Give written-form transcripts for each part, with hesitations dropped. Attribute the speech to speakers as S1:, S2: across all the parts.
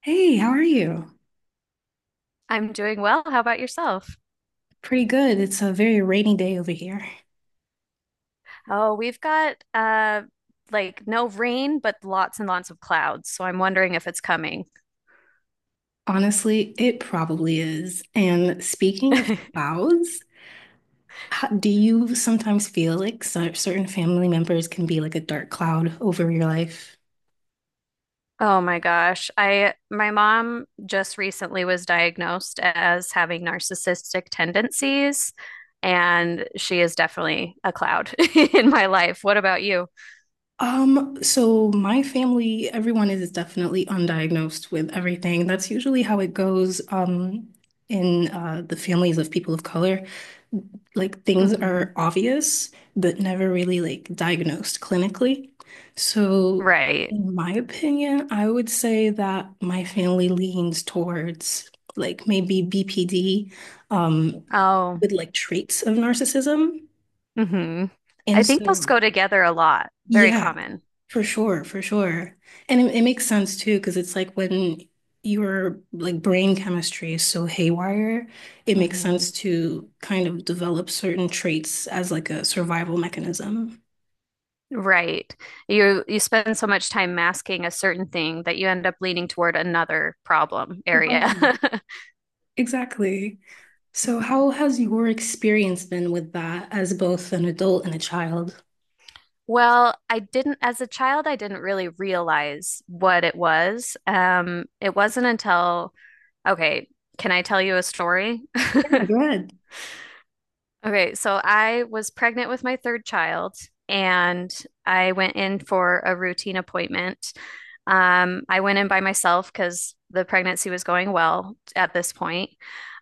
S1: Hey, how are you?
S2: I'm doing well. How about yourself?
S1: Pretty good. It's a very rainy day over here.
S2: Oh, we've got like no rain, but lots and lots of clouds. So I'm wondering if it's coming.
S1: Honestly, it probably is. And speaking of clouds, do you sometimes feel like certain family members can be like a dark cloud over your life?
S2: Oh my gosh. I my mom just recently was diagnosed as having narcissistic tendencies, and she is definitely a cloud in my life. What about you?
S1: So my family, everyone is definitely undiagnosed with everything. That's usually how it goes, in the families of people of color. Like things
S2: hmm
S1: are obvious but never really like diagnosed clinically. So,
S2: Right.
S1: in my opinion, I would say that my family leans towards like maybe BPD um
S2: Oh.
S1: with like traits of narcissism.
S2: hmm I
S1: And
S2: think those
S1: so,
S2: go together a lot. Very
S1: yeah,
S2: common.
S1: for sure, for sure. And it makes sense too, because it's like when your like brain chemistry is so haywire, it makes
S2: Mhm.
S1: sense to kind of develop certain traits as like a survival mechanism.
S2: Right. You spend so much time masking a certain thing that you end up leaning toward another problem area.
S1: Right. Exactly. So
S2: Yeah.
S1: how has your experience been with that as both an adult and a child?
S2: Well, I didn't, as a child, I didn't really realize what it was. It wasn't until, okay, can I tell you a story?
S1: Yeah, good.
S2: Okay, so I was pregnant with my third child and I went in for a routine appointment. I went in by myself because the pregnancy was going well at this point.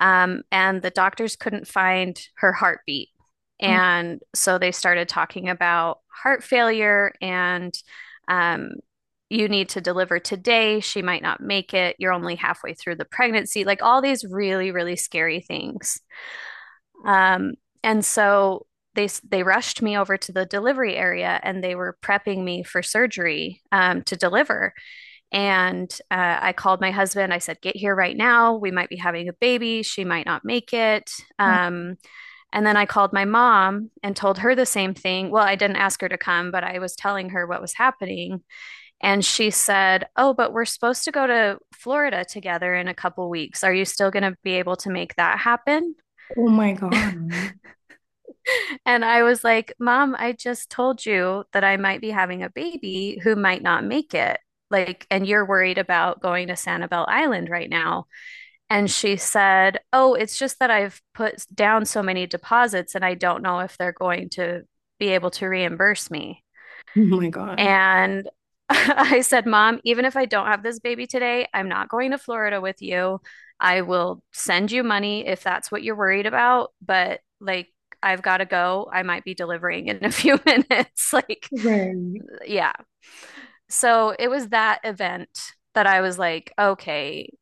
S2: And the doctors couldn't find her heartbeat.
S1: Oh,
S2: And so they started talking about heart failure and um, you need to deliver today. She might not make it. You're only halfway through the pregnancy. Like all these really, really scary things. Um, and so they rushed me over to the delivery area and they were prepping me for surgery to deliver. And I called my husband. I said, "Get here right now. We might be having a baby. She might not make it."
S1: wow.
S2: Um, and then I called my mom and told her the same thing. Well, I didn't ask her to come, but I was telling her what was happening. And she said, "Oh, but we're supposed to go to Florida together in a couple weeks. Are you still going to be able to make that happen?"
S1: Oh my God.
S2: And I was like, Mom, I just told you that I might be having a baby who might not make it. Like, and you're worried about going to Sanibel Island right now. And she said, Oh, it's just that I've put down so many deposits and I don't know if they're going to be able to reimburse me.
S1: Oh my God.
S2: And I said, Mom, even if I don't have this baby today, I'm not going to Florida with you. I will send you money if that's what you're worried about, but like, I've got to go. I might be delivering in a few minutes. Like,
S1: Right.
S2: yeah. So it was that event that I was like, okay,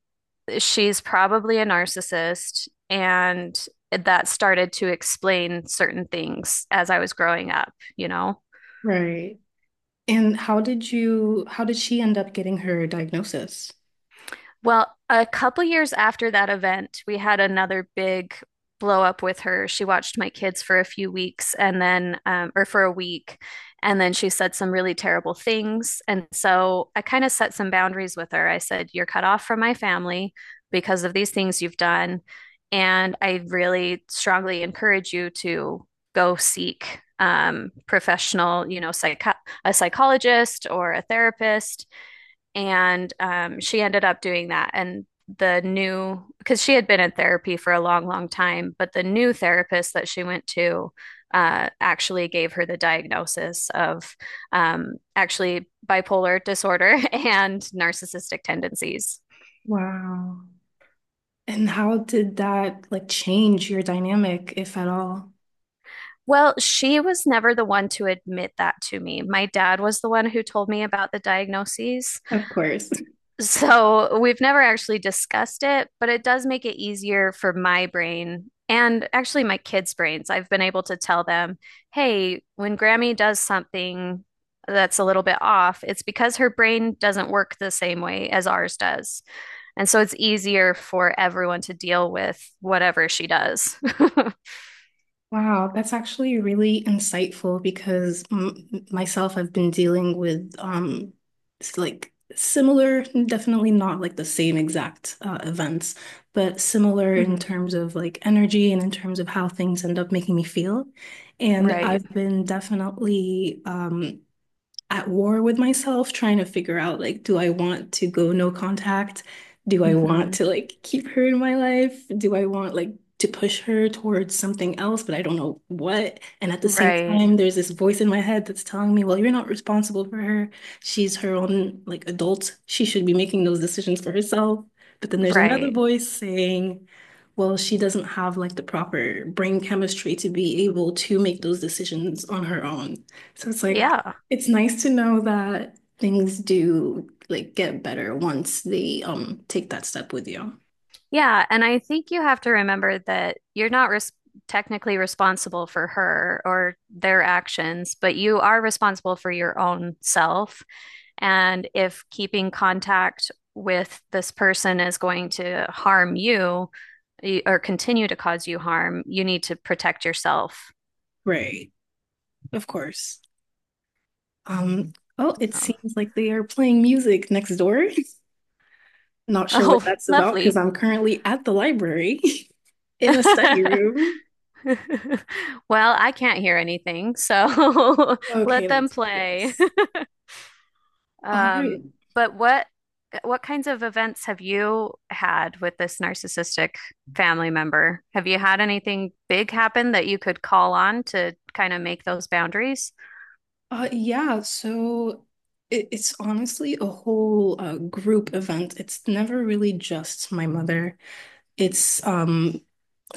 S2: she's probably a narcissist. And that started to explain certain things as I was growing up, you know?
S1: Right. And how did she end up getting her diagnosis?
S2: Well, a couple years after that event, we had another big blow up with her. She watched my kids for a few weeks and then, or for a week, and then she said some really terrible things. And so I kind of set some boundaries with her. I said, You're cut off from my family because of these things you've done. And I really strongly encourage you to go seek professional, you know, a psychologist or a therapist and she ended up doing that. And because she had been in therapy for a long, long time, but the new therapist that she went to actually gave her the diagnosis of actually bipolar disorder and narcissistic tendencies.
S1: Wow. And how did that like change your dynamic, if at all?
S2: Well, she was never the one to admit that to me. My dad was the one who told me about the diagnoses.
S1: Of course.
S2: So we've never actually discussed it, but it does make it easier for my brain and actually my kids' brains. I've been able to tell them, hey, when Grammy does something that's a little bit off, it's because her brain doesn't work the same way as ours does. And so it's easier for everyone to deal with whatever she does.
S1: Wow, that's actually really insightful because m myself, I've been dealing with like similar, definitely not like the same exact events, but similar in
S2: Mhm.
S1: terms of like energy and in terms of how things end up making me feel. And
S2: Right.
S1: I've been definitely at war with myself trying to figure out like, do I want to go no contact? Do I want to
S2: hmm
S1: like keep her in my life? Do I want like to push her towards something else, but I don't know what. And at the same
S2: Right.
S1: time, there's this voice in my head that's telling me, well, you're not responsible for her. She's her own like adult. She should be making those decisions for herself. But then there's another
S2: Right.
S1: voice saying, well, she doesn't have like the proper brain chemistry to be able to make those decisions on her own. So it's like
S2: Yeah.
S1: it's nice to know that things do like get better once they take that step with you.
S2: Yeah, and I think you have to remember that you're not res technically responsible for her or their actions, but you are responsible for your own self. And if keeping contact with this person is going to harm you or continue to cause you harm, you need to protect yourself.
S1: Right, of course. Um, oh, it
S2: Um,
S1: seems like they are playing music next door. Not sure what
S2: Oh,
S1: that's about because
S2: lovely.
S1: I'm currently at the library in a study room.
S2: Well, I can't hear anything, so
S1: Okay,
S2: let them
S1: that's
S2: play.
S1: fabulous. All right.
S2: Um, but what kinds of events have you had with this narcissistic family member? Have you had anything big happen that you could call on to kind of make those boundaries?
S1: Yeah, so it's honestly a whole group event. It's never really just my mother. It's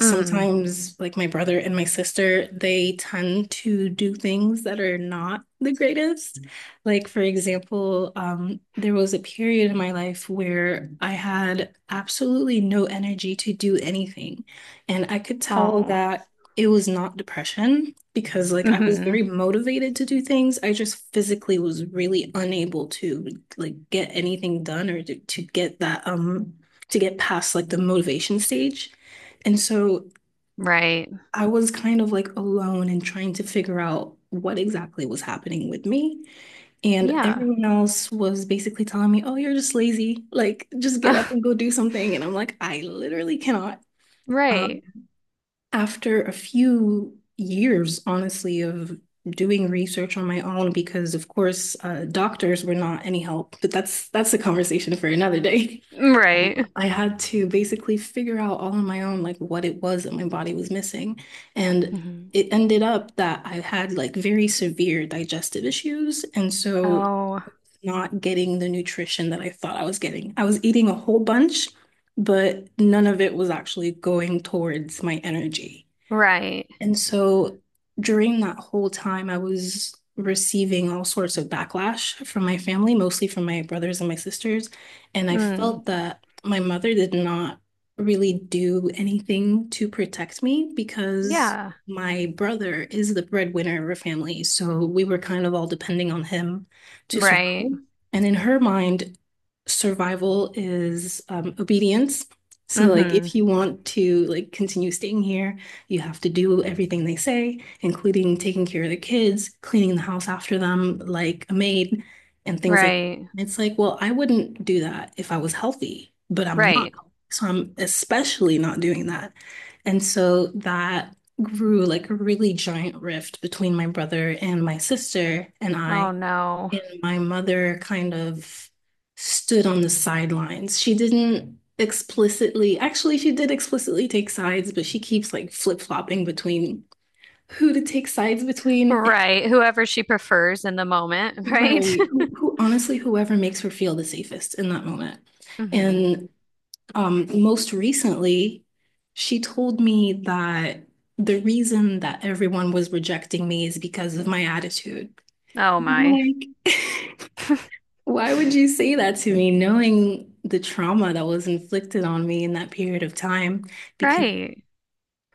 S2: Mm.
S1: like my brother and my sister, they tend to do things that are not the greatest. Like for example, there was a period in my life where I had absolutely no energy to do anything, and I could tell
S2: Oh.
S1: that it was not depression because like I was
S2: hmm
S1: very motivated to do things. I just physically was really unable to like get anything done, or to get that to get past like the motivation stage. And so
S2: Right.
S1: I was kind of like alone and trying to figure out what exactly was happening with me. And
S2: Yeah.
S1: everyone else was basically telling me, oh, you're just lazy. Like, just get up and go do something. And I'm like, I literally cannot. Um,
S2: Right.
S1: After a few years, honestly, of doing research on my own, because of course, doctors were not any help, but that's a conversation for another day.
S2: Right.
S1: I had to basically figure out all on my own, like what it was that my body was missing. And
S2: hmm
S1: it ended up that I had like very severe digestive issues. And so,
S2: Oh,
S1: not getting the nutrition that I thought I was getting. I was eating a whole bunch, but none of it was actually going towards my energy.
S2: right.
S1: And so during that whole time, I was receiving all sorts of backlash from my family, mostly from my brothers and my sisters. And I
S2: Mm.
S1: felt that my mother did not really do anything to protect me, because
S2: Yeah.
S1: my brother is the breadwinner of our family. So we were kind of all depending on him to survive.
S2: Right.
S1: And in her mind, survival is obedience. So like
S2: hmm
S1: if you want to like continue staying here, you have to do everything they say, including taking care of the kids, cleaning the house after them like a maid, and things like
S2: Right.
S1: that. It's like, well, I wouldn't do that if I was healthy, but I'm not.
S2: Right.
S1: So I'm especially not doing that. And so that grew like a really giant rift between my brother and my sister and I,
S2: Oh no.
S1: and my mother kind of stood on the sidelines. She didn't explicitly, actually, she did explicitly take sides, but she keeps like flip-flopping between who to take sides between. And—
S2: Right. Whoever she prefers in the moment, right?
S1: Right. Who honestly, whoever makes her feel the safest in that moment.
S2: hmm
S1: And most recently, she told me that the reason that everyone was rejecting me is because of my attitude.
S2: Oh
S1: And I'm
S2: my.
S1: like, why would you say that to me, knowing the trauma that was inflicted on me in that period of time? Because
S2: Right.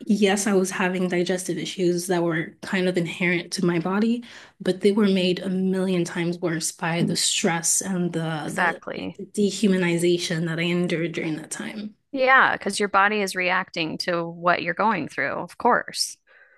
S1: yes, I was having digestive issues that were kind of inherent to my body, but they were made a million times worse by the stress and like,
S2: Exactly.
S1: the dehumanization that I endured during that time.
S2: Yeah, because your body is reacting to what you're going through, of course.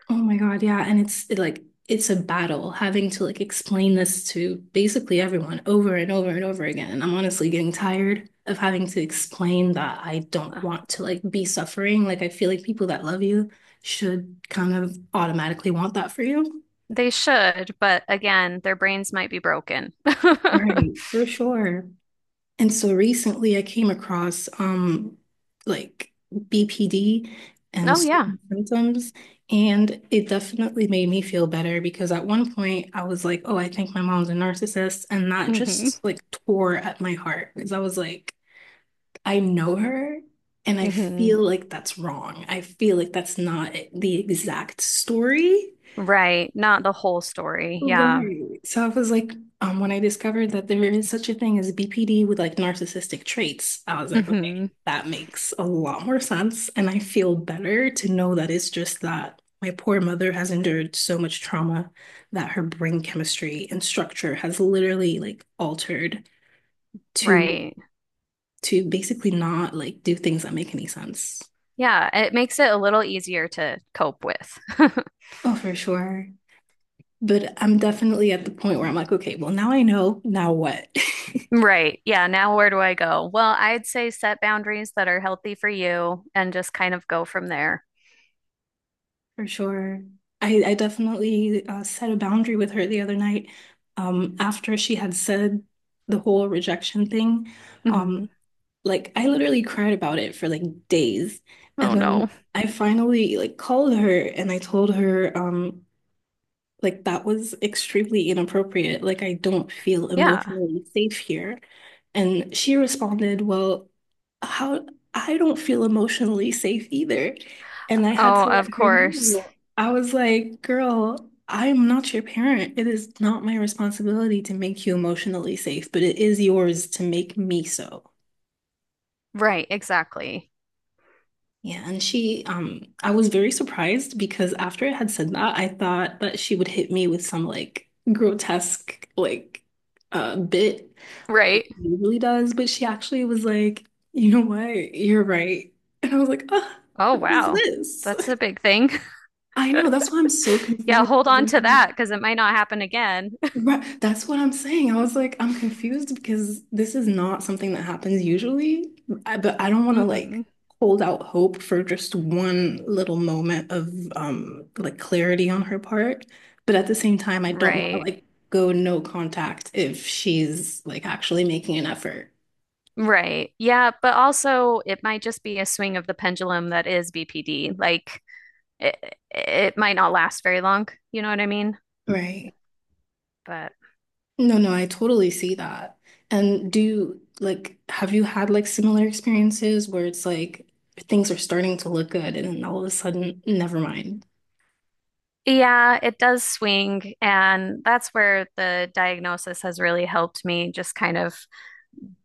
S1: Oh my God, yeah. And like it's a battle having to like explain this to basically everyone over and over and over again. And I'm honestly getting tired of having to explain that I don't
S2: Uh,
S1: want to like be suffering. Like I feel like people that love you should kind of automatically want that for you.
S2: They should, but again, their brains might be broken.
S1: Right, for sure. And so recently I came across like BPD and
S2: Oh yeah.
S1: certain symptoms, and it definitely made me feel better because at one point I was like, oh, I think my mom's a narcissist, and that
S2: hmm
S1: just like tore at my heart because I was like, I know her and I
S2: hmm
S1: feel like that's wrong. I feel like that's not the exact story.
S2: Right. Not the whole story. Yeah.
S1: Right. So I was like, when I discovered that there is such a thing as BPD with like narcissistic traits, I was like, okay,
S2: hmm
S1: that makes a lot more sense. And I feel better to know that it's just that my poor mother has endured so much trauma that her brain chemistry and structure has literally like altered to
S2: Right.
S1: to basically not like do things that make any sense.
S2: Yeah, it makes it a little easier to cope with.
S1: Oh, for sure. But I'm definitely at the point where I'm like, okay, well, now I know, now what?
S2: Right. Yeah. Now, where do I go? Well, I'd say set boundaries that are healthy for you and just kind of go from there.
S1: For sure. I definitely set a boundary with her the other night after she had said the whole rejection thing.
S2: hmm
S1: Um, like I literally cried about it for like days. And
S2: Oh,
S1: then
S2: no.
S1: I finally like called her and I told her, like that was extremely inappropriate. Like I don't feel
S2: Yeah.
S1: emotionally safe here. And she responded, well, how I don't feel emotionally safe either. And I had
S2: Oh,
S1: to let
S2: of
S1: her
S2: course.
S1: know. I was like, girl, I'm not your parent. It is not my responsibility to make you emotionally safe, but it is yours to make me so.
S2: Right. Exactly.
S1: Yeah, and I was very surprised because after I had said that, I thought that she would hit me with some like grotesque like bit like
S2: Right.
S1: she usually does, but she actually was like, you know what, you're right. And I was like, ah,
S2: Oh,
S1: what is
S2: wow.
S1: this?
S2: That's a big thing.
S1: I know, that's why I'm so
S2: Yeah.
S1: confused.
S2: Hold
S1: 'Cause
S2: on
S1: I'm
S2: to
S1: like,
S2: that because it might not happen again.
S1: right. That's what I'm saying. I was like, I'm confused because this is not something that happens usually. I, but I don't want to
S2: hmm
S1: like hold out hope for just one little moment of like clarity on her part. But at the same time, I don't want to
S2: Right.
S1: like go no contact if she's like actually making an effort.
S2: Right. Yeah. But also, it might just be a swing of the pendulum that is BPD. Like, it might not last very long. You know what I mean?
S1: Right.
S2: But.
S1: No, no, I totally see that. And do you like, have you had like similar experiences where it's like things are starting to look good and then all of a sudden, never mind.
S2: Yeah, it does swing. And that's where the diagnosis has really helped me just kind of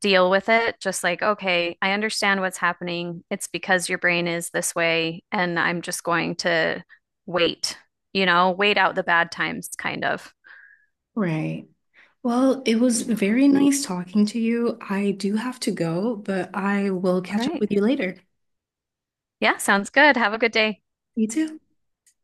S2: deal with it. Just like, okay, I understand what's happening. It's because your brain is this way. And I'm just going to wait, you know, wait out the bad times, kind of.
S1: Right. Well, it was
S2: Yeah.
S1: very nice talking to you. I do have to go, but I will
S2: All
S1: catch up
S2: right.
S1: with you later.
S2: Yeah, sounds good. Have a good day.
S1: You too.